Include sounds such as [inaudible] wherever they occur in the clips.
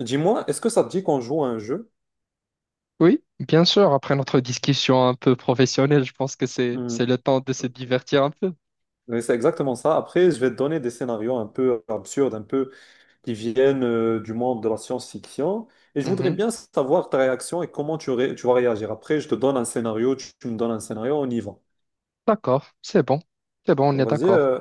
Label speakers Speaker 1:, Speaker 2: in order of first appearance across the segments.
Speaker 1: Dis-moi, est-ce que ça te dit qu'on joue à un jeu?
Speaker 2: Oui, bien sûr, après notre discussion un peu professionnelle, je pense que c'est
Speaker 1: Hmm.
Speaker 2: c'est le temps de se divertir un peu.
Speaker 1: Oui, c'est exactement ça. Après, je vais te donner des scénarios un peu absurdes, un peu qui viennent du monde de la science-fiction. Et je voudrais
Speaker 2: Mhm.
Speaker 1: bien savoir ta réaction et comment tu vas réagir. Après, je te donne un scénario, tu me donnes un scénario, on y va.
Speaker 2: D'accord, c'est bon. C'est bon, on est
Speaker 1: Vas-y,
Speaker 2: d'accord.
Speaker 1: euh,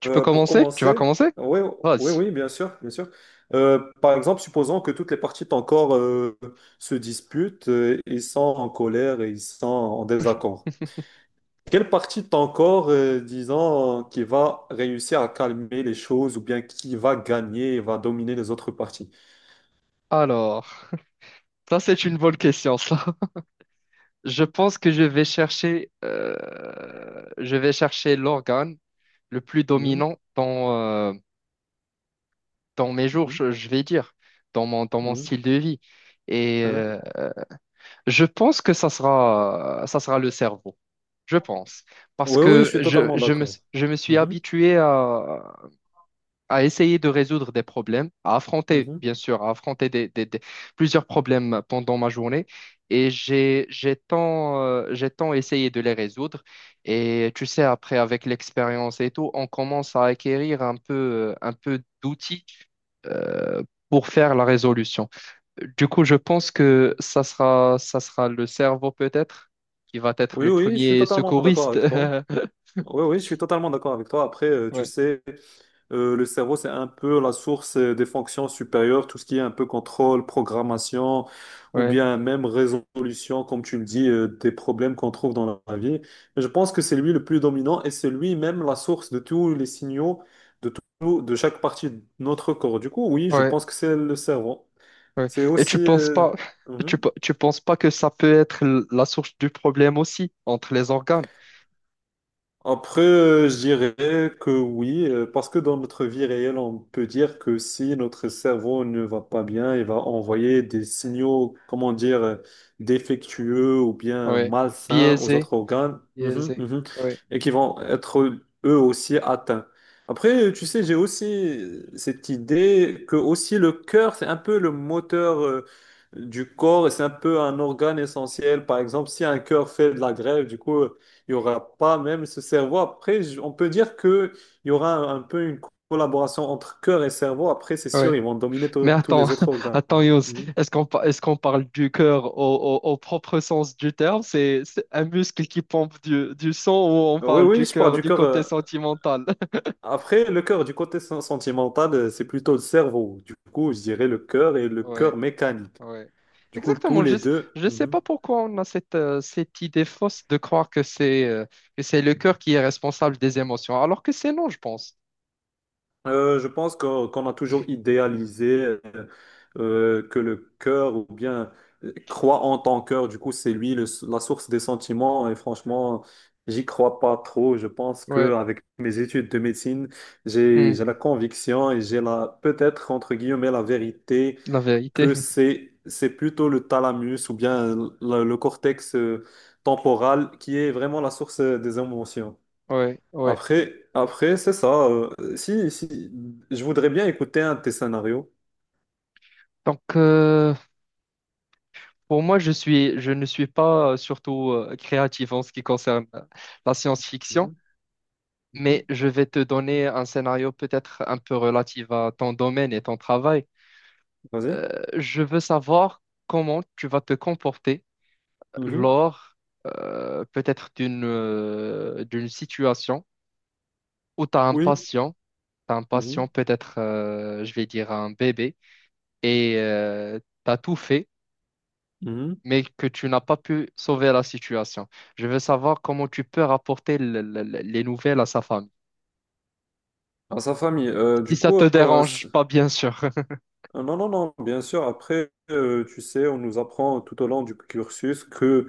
Speaker 2: Tu peux
Speaker 1: euh, pour
Speaker 2: commencer? Tu vas
Speaker 1: commencer.
Speaker 2: commencer?
Speaker 1: Oui, oui,
Speaker 2: Vas-y.
Speaker 1: oui, bien sûr, bien sûr. Par exemple, supposons que toutes les parties de ton corps se disputent, ils sont en colère et ils sont en désaccord. Quelle partie de ton corps, disons, qui va réussir à calmer les choses ou bien qui va gagner et va dominer les autres parties?
Speaker 2: Alors, ça c'est une bonne question, ça. [laughs] Je pense que je vais chercher l'organe le plus
Speaker 1: Mhm.
Speaker 2: dominant dans, dans mes jours,
Speaker 1: mhm,
Speaker 2: je vais dire, dans mon
Speaker 1: mhm,
Speaker 2: style de vie. Et
Speaker 1: hein.
Speaker 2: je pense que ça sera le cerveau. Je pense. Parce
Speaker 1: Oui, oui, je
Speaker 2: que
Speaker 1: suis totalement d'accord.
Speaker 2: je me suis
Speaker 1: Mhm,
Speaker 2: habitué à essayer de résoudre des problèmes, à affronter,
Speaker 1: mhm.
Speaker 2: bien sûr, à affronter plusieurs problèmes pendant ma journée. Et j'ai tant essayé de les résoudre. Et tu sais, après, avec l'expérience et tout, on commence à acquérir un peu d'outils, euh, pour faire la résolution. Du coup, je pense que ça sera le cerveau peut-être qui va être
Speaker 1: Oui,
Speaker 2: le
Speaker 1: oui, je suis
Speaker 2: premier
Speaker 1: totalement d'accord
Speaker 2: secouriste.
Speaker 1: avec toi.
Speaker 2: [laughs]
Speaker 1: Oui, oui, je suis totalement d'accord avec toi. Après, tu
Speaker 2: Ouais,
Speaker 1: sais, le cerveau, c'est un peu la source des fonctions supérieures, tout ce qui est un peu contrôle, programmation, ou
Speaker 2: ouais,
Speaker 1: bien même résolution, comme tu le dis, des problèmes qu'on trouve dans la vie. Mais je pense que c'est lui le plus dominant et c'est lui-même la source de tous les signaux de tout, de chaque partie de notre corps. Du coup, oui, je
Speaker 2: ouais,
Speaker 1: pense que c'est le cerveau.
Speaker 2: ouais.
Speaker 1: C'est
Speaker 2: Et tu
Speaker 1: aussi...
Speaker 2: penses pas,
Speaker 1: mhm.
Speaker 2: tu penses pas que ça peut être la source du problème aussi entre les organes?
Speaker 1: Après, je dirais que oui, parce que dans notre vie réelle, on peut dire que si notre cerveau ne va pas bien, il va envoyer des signaux, comment dire, défectueux ou bien
Speaker 2: Ouais,
Speaker 1: malsains aux
Speaker 2: biaisé,
Speaker 1: autres organes, mhm,
Speaker 2: biaisé.
Speaker 1: mhm,
Speaker 2: Ouais,
Speaker 1: et qui vont être eux aussi atteints. Après, tu sais, j'ai aussi cette idée que aussi le cœur, c'est un peu le moteur, du corps et c'est un peu un organe essentiel. Par exemple, si un cœur fait de la grève, du coup, il y aura pas même ce cerveau. Après, on peut dire que il y aura un peu une collaboration entre cœur et cerveau. Après, c'est
Speaker 2: ouais.
Speaker 1: sûr, ils vont dominer
Speaker 2: Mais
Speaker 1: tous
Speaker 2: attends,
Speaker 1: les autres
Speaker 2: [laughs]
Speaker 1: organes.
Speaker 2: attends, Yous,
Speaker 1: Mhm.
Speaker 2: est-ce qu'on parle du cœur au, au propre sens du terme? C'est un muscle qui pompe du sang ou on
Speaker 1: Oui,
Speaker 2: parle
Speaker 1: oui,
Speaker 2: du
Speaker 1: je parle
Speaker 2: cœur
Speaker 1: du
Speaker 2: du
Speaker 1: cœur.
Speaker 2: côté sentimental? [laughs]
Speaker 1: Après, le cœur du côté sentimental, c'est plutôt le cerveau. Du coup, je dirais le cœur et le
Speaker 2: Ouais.
Speaker 1: cœur mécanique.
Speaker 2: Ouais.
Speaker 1: Du coup, tous
Speaker 2: Exactement.
Speaker 1: les
Speaker 2: Je
Speaker 1: deux.
Speaker 2: ne sais
Speaker 1: Mhm.
Speaker 2: pas pourquoi on a cette, cette idée fausse de croire que c'est le cœur qui est responsable des émotions, alors que c'est non, je pense.
Speaker 1: Je pense qu'on a toujours idéalisé. Que le cœur ou bien crois en ton cœur. Du coup, c'est la source des sentiments. Et franchement, j'y crois pas trop. Je pense que
Speaker 2: Ouais.
Speaker 1: avec mes études de médecine, j'ai
Speaker 2: Hmm.
Speaker 1: j'ai la conviction et j'ai la peut-être entre guillemets la vérité
Speaker 2: La vérité.
Speaker 1: que
Speaker 2: [laughs]
Speaker 1: c'est plutôt le thalamus ou bien le cortex temporal qui est vraiment la source des émotions.
Speaker 2: Ouais, ouais,
Speaker 1: Après,
Speaker 2: ouais.
Speaker 1: après, c'est ça. Si, je voudrais bien écouter un de tes scénarios.
Speaker 2: Donc, pour moi, je ne suis pas surtout créatif en ce qui concerne la science-fiction,
Speaker 1: Mhm, mhm.
Speaker 2: mais je vais te donner un scénario peut-être un peu relatif à ton domaine et ton travail.
Speaker 1: Vas-y.
Speaker 2: Euh, je veux savoir comment tu vas te comporter
Speaker 1: Mhm.
Speaker 2: lors peut-être d'une situation où tu as un
Speaker 1: Oui.
Speaker 2: patient, t'as un patient
Speaker 1: Mhm.
Speaker 2: peut-être, je vais dire, un bébé, et tu as tout fait,
Speaker 1: Mhm.
Speaker 2: mais que tu n'as pas pu sauver la situation. Je veux savoir comment tu peux rapporter les nouvelles à sa famille.
Speaker 1: Dans sa famille.
Speaker 2: Si ça te dérange pas, bien sûr. [laughs]
Speaker 1: Non, non, non, bien sûr. Après, tu sais, on nous apprend tout au long du cursus que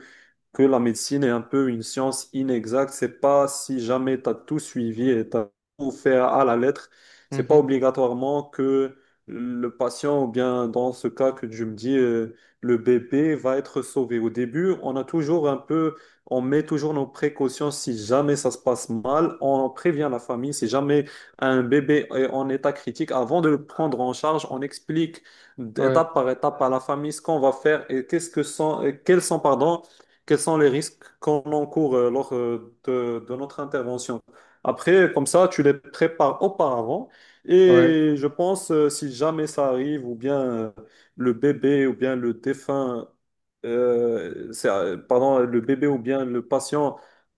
Speaker 1: que la médecine est un peu une science inexacte. C'est pas si jamais tu as tout suivi et tu as tout fait à la lettre, c'est pas
Speaker 2: Mhm.
Speaker 1: obligatoirement que le patient, ou bien dans ce cas que tu me dis, le bébé va être sauvé. Au début, on a toujours un peu, on met toujours nos précautions si jamais ça se passe mal, on prévient la famille, si jamais un bébé est en état critique, avant de le prendre en charge, on explique
Speaker 2: Ouais,
Speaker 1: d'étape par étape à la famille ce qu'on va faire et qu'est-ce que sont, et quels sont, pardon, quels sont les risques qu'on encourt lors de notre intervention. Après, comme ça, tu les prépares auparavant
Speaker 2: ouais,
Speaker 1: et je pense, si jamais ça arrive, ou bien le bébé, ou bien le défunt, pardon, le bébé ou bien le patient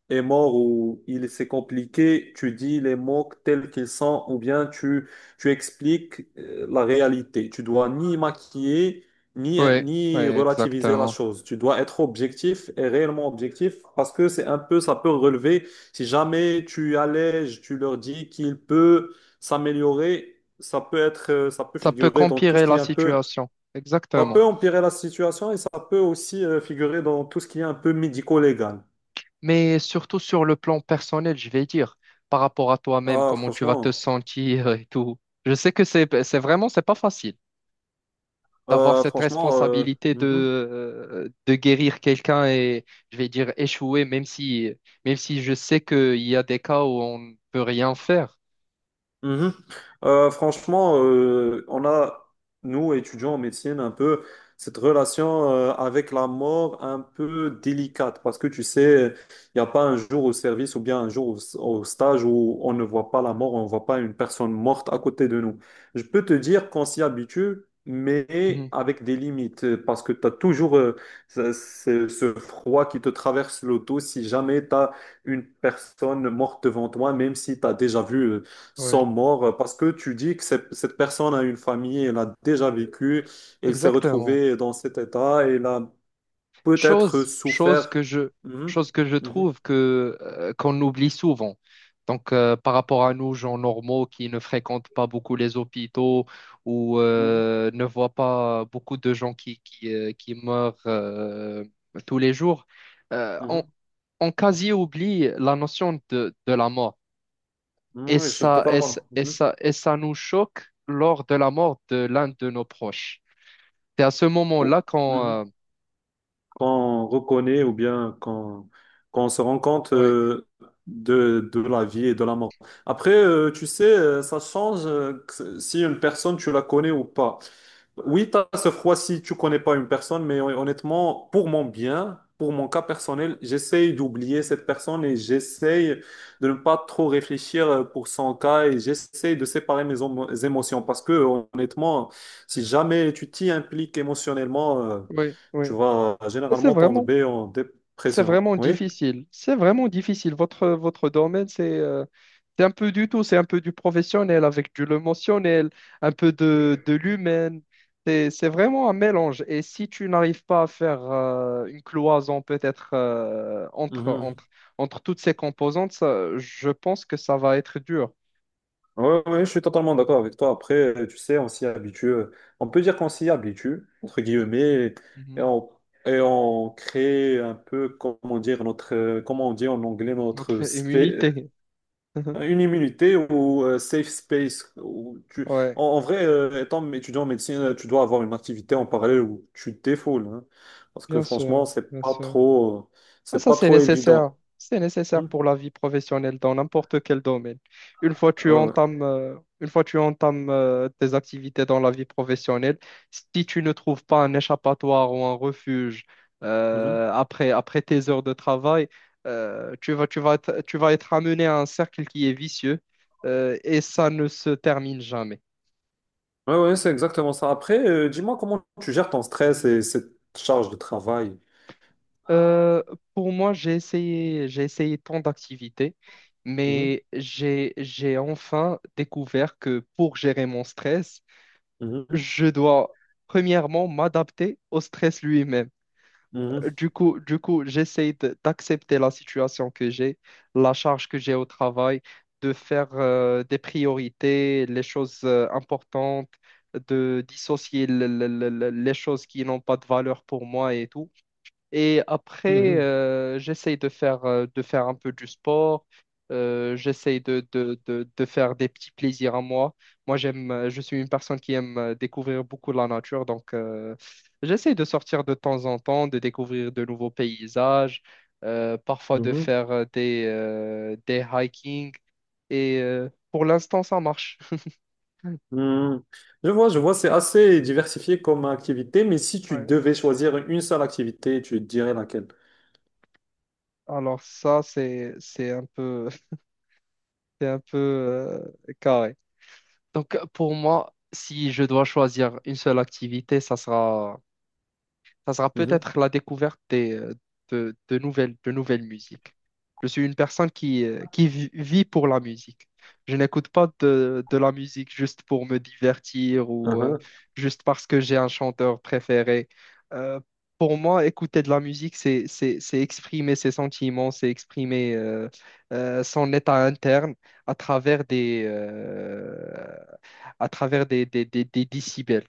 Speaker 1: est mort ou il s'est compliqué, tu dis les mots tels qu'ils sont, ou bien tu expliques la réalité. Tu dois ni maquiller,
Speaker 2: ouais,
Speaker 1: ni
Speaker 2: ouais,
Speaker 1: relativiser la
Speaker 2: exactement.
Speaker 1: chose. Tu dois être objectif et réellement objectif parce que c'est un peu, ça peut relever. Si jamais tu allèges, tu leur dis qu'il peut s'améliorer, ça peut être, ça peut
Speaker 2: Ça peut
Speaker 1: figurer dans tout ce
Speaker 2: empirer
Speaker 1: qui
Speaker 2: la
Speaker 1: est un peu,
Speaker 2: situation.
Speaker 1: ça peut
Speaker 2: Exactement.
Speaker 1: empirer la situation et ça peut aussi figurer dans tout ce qui est un peu médico-légal.
Speaker 2: Mais surtout sur le plan personnel, je vais dire, par rapport à toi-même,
Speaker 1: Ah,
Speaker 2: comment tu vas te
Speaker 1: franchement,
Speaker 2: sentir et tout. Je sais que c'est vraiment, c'est pas facile d'avoir
Speaker 1: euh,
Speaker 2: cette
Speaker 1: franchement, euh,
Speaker 2: responsabilité
Speaker 1: mhm.
Speaker 2: de guérir quelqu'un et, je vais dire, échouer, même si je sais qu'il y a des cas où on ne peut rien faire.
Speaker 1: Mhm. On a, nous, étudiants en médecine, un peu cette relation avec la mort un peu délicate parce que tu sais, il n'y a pas un jour au service ou bien un jour au stage où on ne voit pas la mort, on ne voit pas une personne morte à côté de nous. Je peux te dire qu'on s'y habitue, mais
Speaker 2: Mhm.
Speaker 1: avec des limites parce que tu as toujours ce, ce froid qui te traverse l'auto si jamais tu as une personne morte devant toi, même si tu as déjà vu. Sont
Speaker 2: Ouais.
Speaker 1: morts parce que tu dis que cette personne a une famille, elle a déjà vécu, elle s'est
Speaker 2: Exactement.
Speaker 1: retrouvée dans cet état, elle a peut-être
Speaker 2: Chose, chose
Speaker 1: souffert.
Speaker 2: que je,
Speaker 1: Mhm.
Speaker 2: chose que je
Speaker 1: mhm,
Speaker 2: trouve que qu'on oublie souvent. Donc, par rapport à nous, gens normaux qui ne fréquentent pas beaucoup les hôpitaux ou
Speaker 1: mhm,
Speaker 2: ne voient pas beaucoup de gens qui meurent tous les jours, euh, on,
Speaker 1: mhm.
Speaker 2: on quasi oublie la notion de la mort. Et
Speaker 1: Oui, je suis
Speaker 2: ça,
Speaker 1: totalement. Mhm.
Speaker 2: et ça nous choque lors de la mort de l'un de nos proches. C'est à ce
Speaker 1: Oh,
Speaker 2: moment-là qu'on...
Speaker 1: mhm. Quand on reconnaît ou bien quand on se rend compte
Speaker 2: ouais,
Speaker 1: de la vie et de la mort. Après, tu sais, ça change si une personne, tu la connais ou pas. Oui, tu as ce froid si tu connais pas une personne, mais honnêtement, pour mon bien, pour mon cas personnel, j'essaye d'oublier cette personne et j'essaye de ne pas trop réfléchir pour son cas et j'essaye de séparer mes émotions parce que honnêtement, si jamais tu t'y impliques émotionnellement,
Speaker 2: ouais,
Speaker 1: tu
Speaker 2: oui.
Speaker 1: vas
Speaker 2: C'est
Speaker 1: généralement
Speaker 2: vraiment,
Speaker 1: tomber en
Speaker 2: c'est
Speaker 1: dépression.
Speaker 2: vraiment
Speaker 1: Oui?
Speaker 2: difficile. C'est vraiment difficile. Votre domaine, c'est un peu du tout. C'est un peu du professionnel avec du émotionnel, un peu de l'humain. C'est vraiment un mélange. Et si tu n'arrives pas à faire une cloison peut-être entre entre toutes ces composantes, ça, je pense que ça va être dur.
Speaker 1: Ouais, ouais, je suis totalement d'accord avec toi. Après, tu sais, on s'y habitue. On peut dire qu'on s'y habitue, entre guillemets,
Speaker 2: Mhm.
Speaker 1: et on, et on crée un peu, comment dire, notre, comment on dit en anglais,
Speaker 2: Notre immunité. [laughs]
Speaker 1: une immunité ou safe space. Où
Speaker 2: Ouais,
Speaker 1: en vrai, étant étudiant en médecine, tu dois avoir une activité en parallèle où tu te défoules, hein. Parce que
Speaker 2: bien sûr,
Speaker 1: franchement,
Speaker 2: bien sûr. Ah,
Speaker 1: c'est
Speaker 2: ça,
Speaker 1: pas
Speaker 2: c'est
Speaker 1: trop
Speaker 2: nécessaire.
Speaker 1: évident.
Speaker 2: C'est nécessaire
Speaker 1: Hmm.
Speaker 2: pour la vie professionnelle dans n'importe quel domaine. Une fois tu
Speaker 1: Ouais,
Speaker 2: entames, euh, une fois tu entames tes activités dans la vie professionnelle, si tu ne trouves pas un échappatoire ou un refuge
Speaker 1: ouais.
Speaker 2: après tes heures de travail, tu vas être amené à un cercle qui est vicieux, et ça ne se termine jamais.
Speaker 1: Ouais, ouais, c'est exactement ça. Après, dis-moi comment tu gères ton stress et cette charge de travail.
Speaker 2: Euh, pour moi, j'ai essayé tant d'activités,
Speaker 1: Mhm.
Speaker 2: mais j'ai enfin découvert que pour gérer mon stress,
Speaker 1: mhm,
Speaker 2: je dois premièrement m'adapter au stress lui-même.
Speaker 1: mhm,
Speaker 2: Du coup, j'essaye d'accepter la situation que j'ai, la charge que j'ai au travail, de faire des priorités, les choses importantes, de dissocier les choses qui n'ont pas de valeur pour moi et tout. Et après,
Speaker 1: mhm,
Speaker 2: de faire un peu du sport. J'essaye de faire des petits plaisirs à moi. Moi, je suis une personne qui aime découvrir beaucoup la nature. Donc, j'essaye de sortir de temps en temps, de découvrir de nouveaux paysages, parfois de
Speaker 1: mhm,
Speaker 2: faire des hiking. Et pour l'instant, ça marche. [laughs]
Speaker 1: mhm. Je vois, c'est assez diversifié comme activité, mais si tu
Speaker 2: Ouais.
Speaker 1: devais choisir une seule activité, tu dirais laquelle?
Speaker 2: Alors ça, c'est un peu, [laughs] c'est un peu carré. Donc, pour moi, si je dois choisir une seule activité, ça sera
Speaker 1: Mhm,
Speaker 2: peut-être la découverte de nouvelles musiques. Je suis une personne qui vit pour la musique. Je n'écoute pas de la musique juste pour me divertir ou
Speaker 1: mhm,
Speaker 2: juste parce que j'ai un chanteur préféré. Euh, pour moi, écouter de la musique, c'est exprimer ses sentiments, c'est exprimer son état interne à travers à travers des décibels.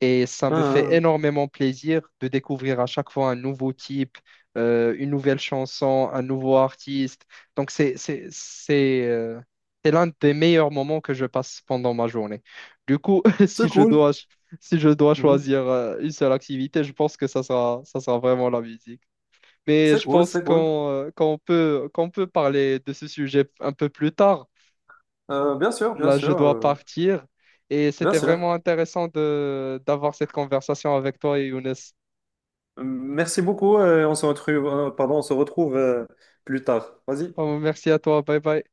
Speaker 2: Et ça me fait
Speaker 1: mhm.
Speaker 2: énormément plaisir de découvrir à chaque fois un nouveau type, une nouvelle chanson, un nouveau artiste. Donc, c'est l'un des meilleurs moments que je passe pendant ma journée. Du coup, [laughs]
Speaker 1: C'est cool.
Speaker 2: si je dois
Speaker 1: Mhm.
Speaker 2: choisir une seule activité, je pense que ça sera vraiment la musique. Mais
Speaker 1: C'est
Speaker 2: je
Speaker 1: cool,
Speaker 2: pense
Speaker 1: c'est cool.
Speaker 2: qu'on peut parler de ce sujet un peu plus tard.
Speaker 1: Euh, bien sûr, bien
Speaker 2: Là, je
Speaker 1: sûr,
Speaker 2: dois
Speaker 1: euh,
Speaker 2: partir. Et
Speaker 1: bien
Speaker 2: c'était vraiment
Speaker 1: sûr.
Speaker 2: intéressant de d'avoir cette conversation avec toi et Younes.
Speaker 1: Merci beaucoup. On se retrouve, pardon, on se retrouve plus tard. Vas-y.
Speaker 2: Oh, merci à toi. Bye bye.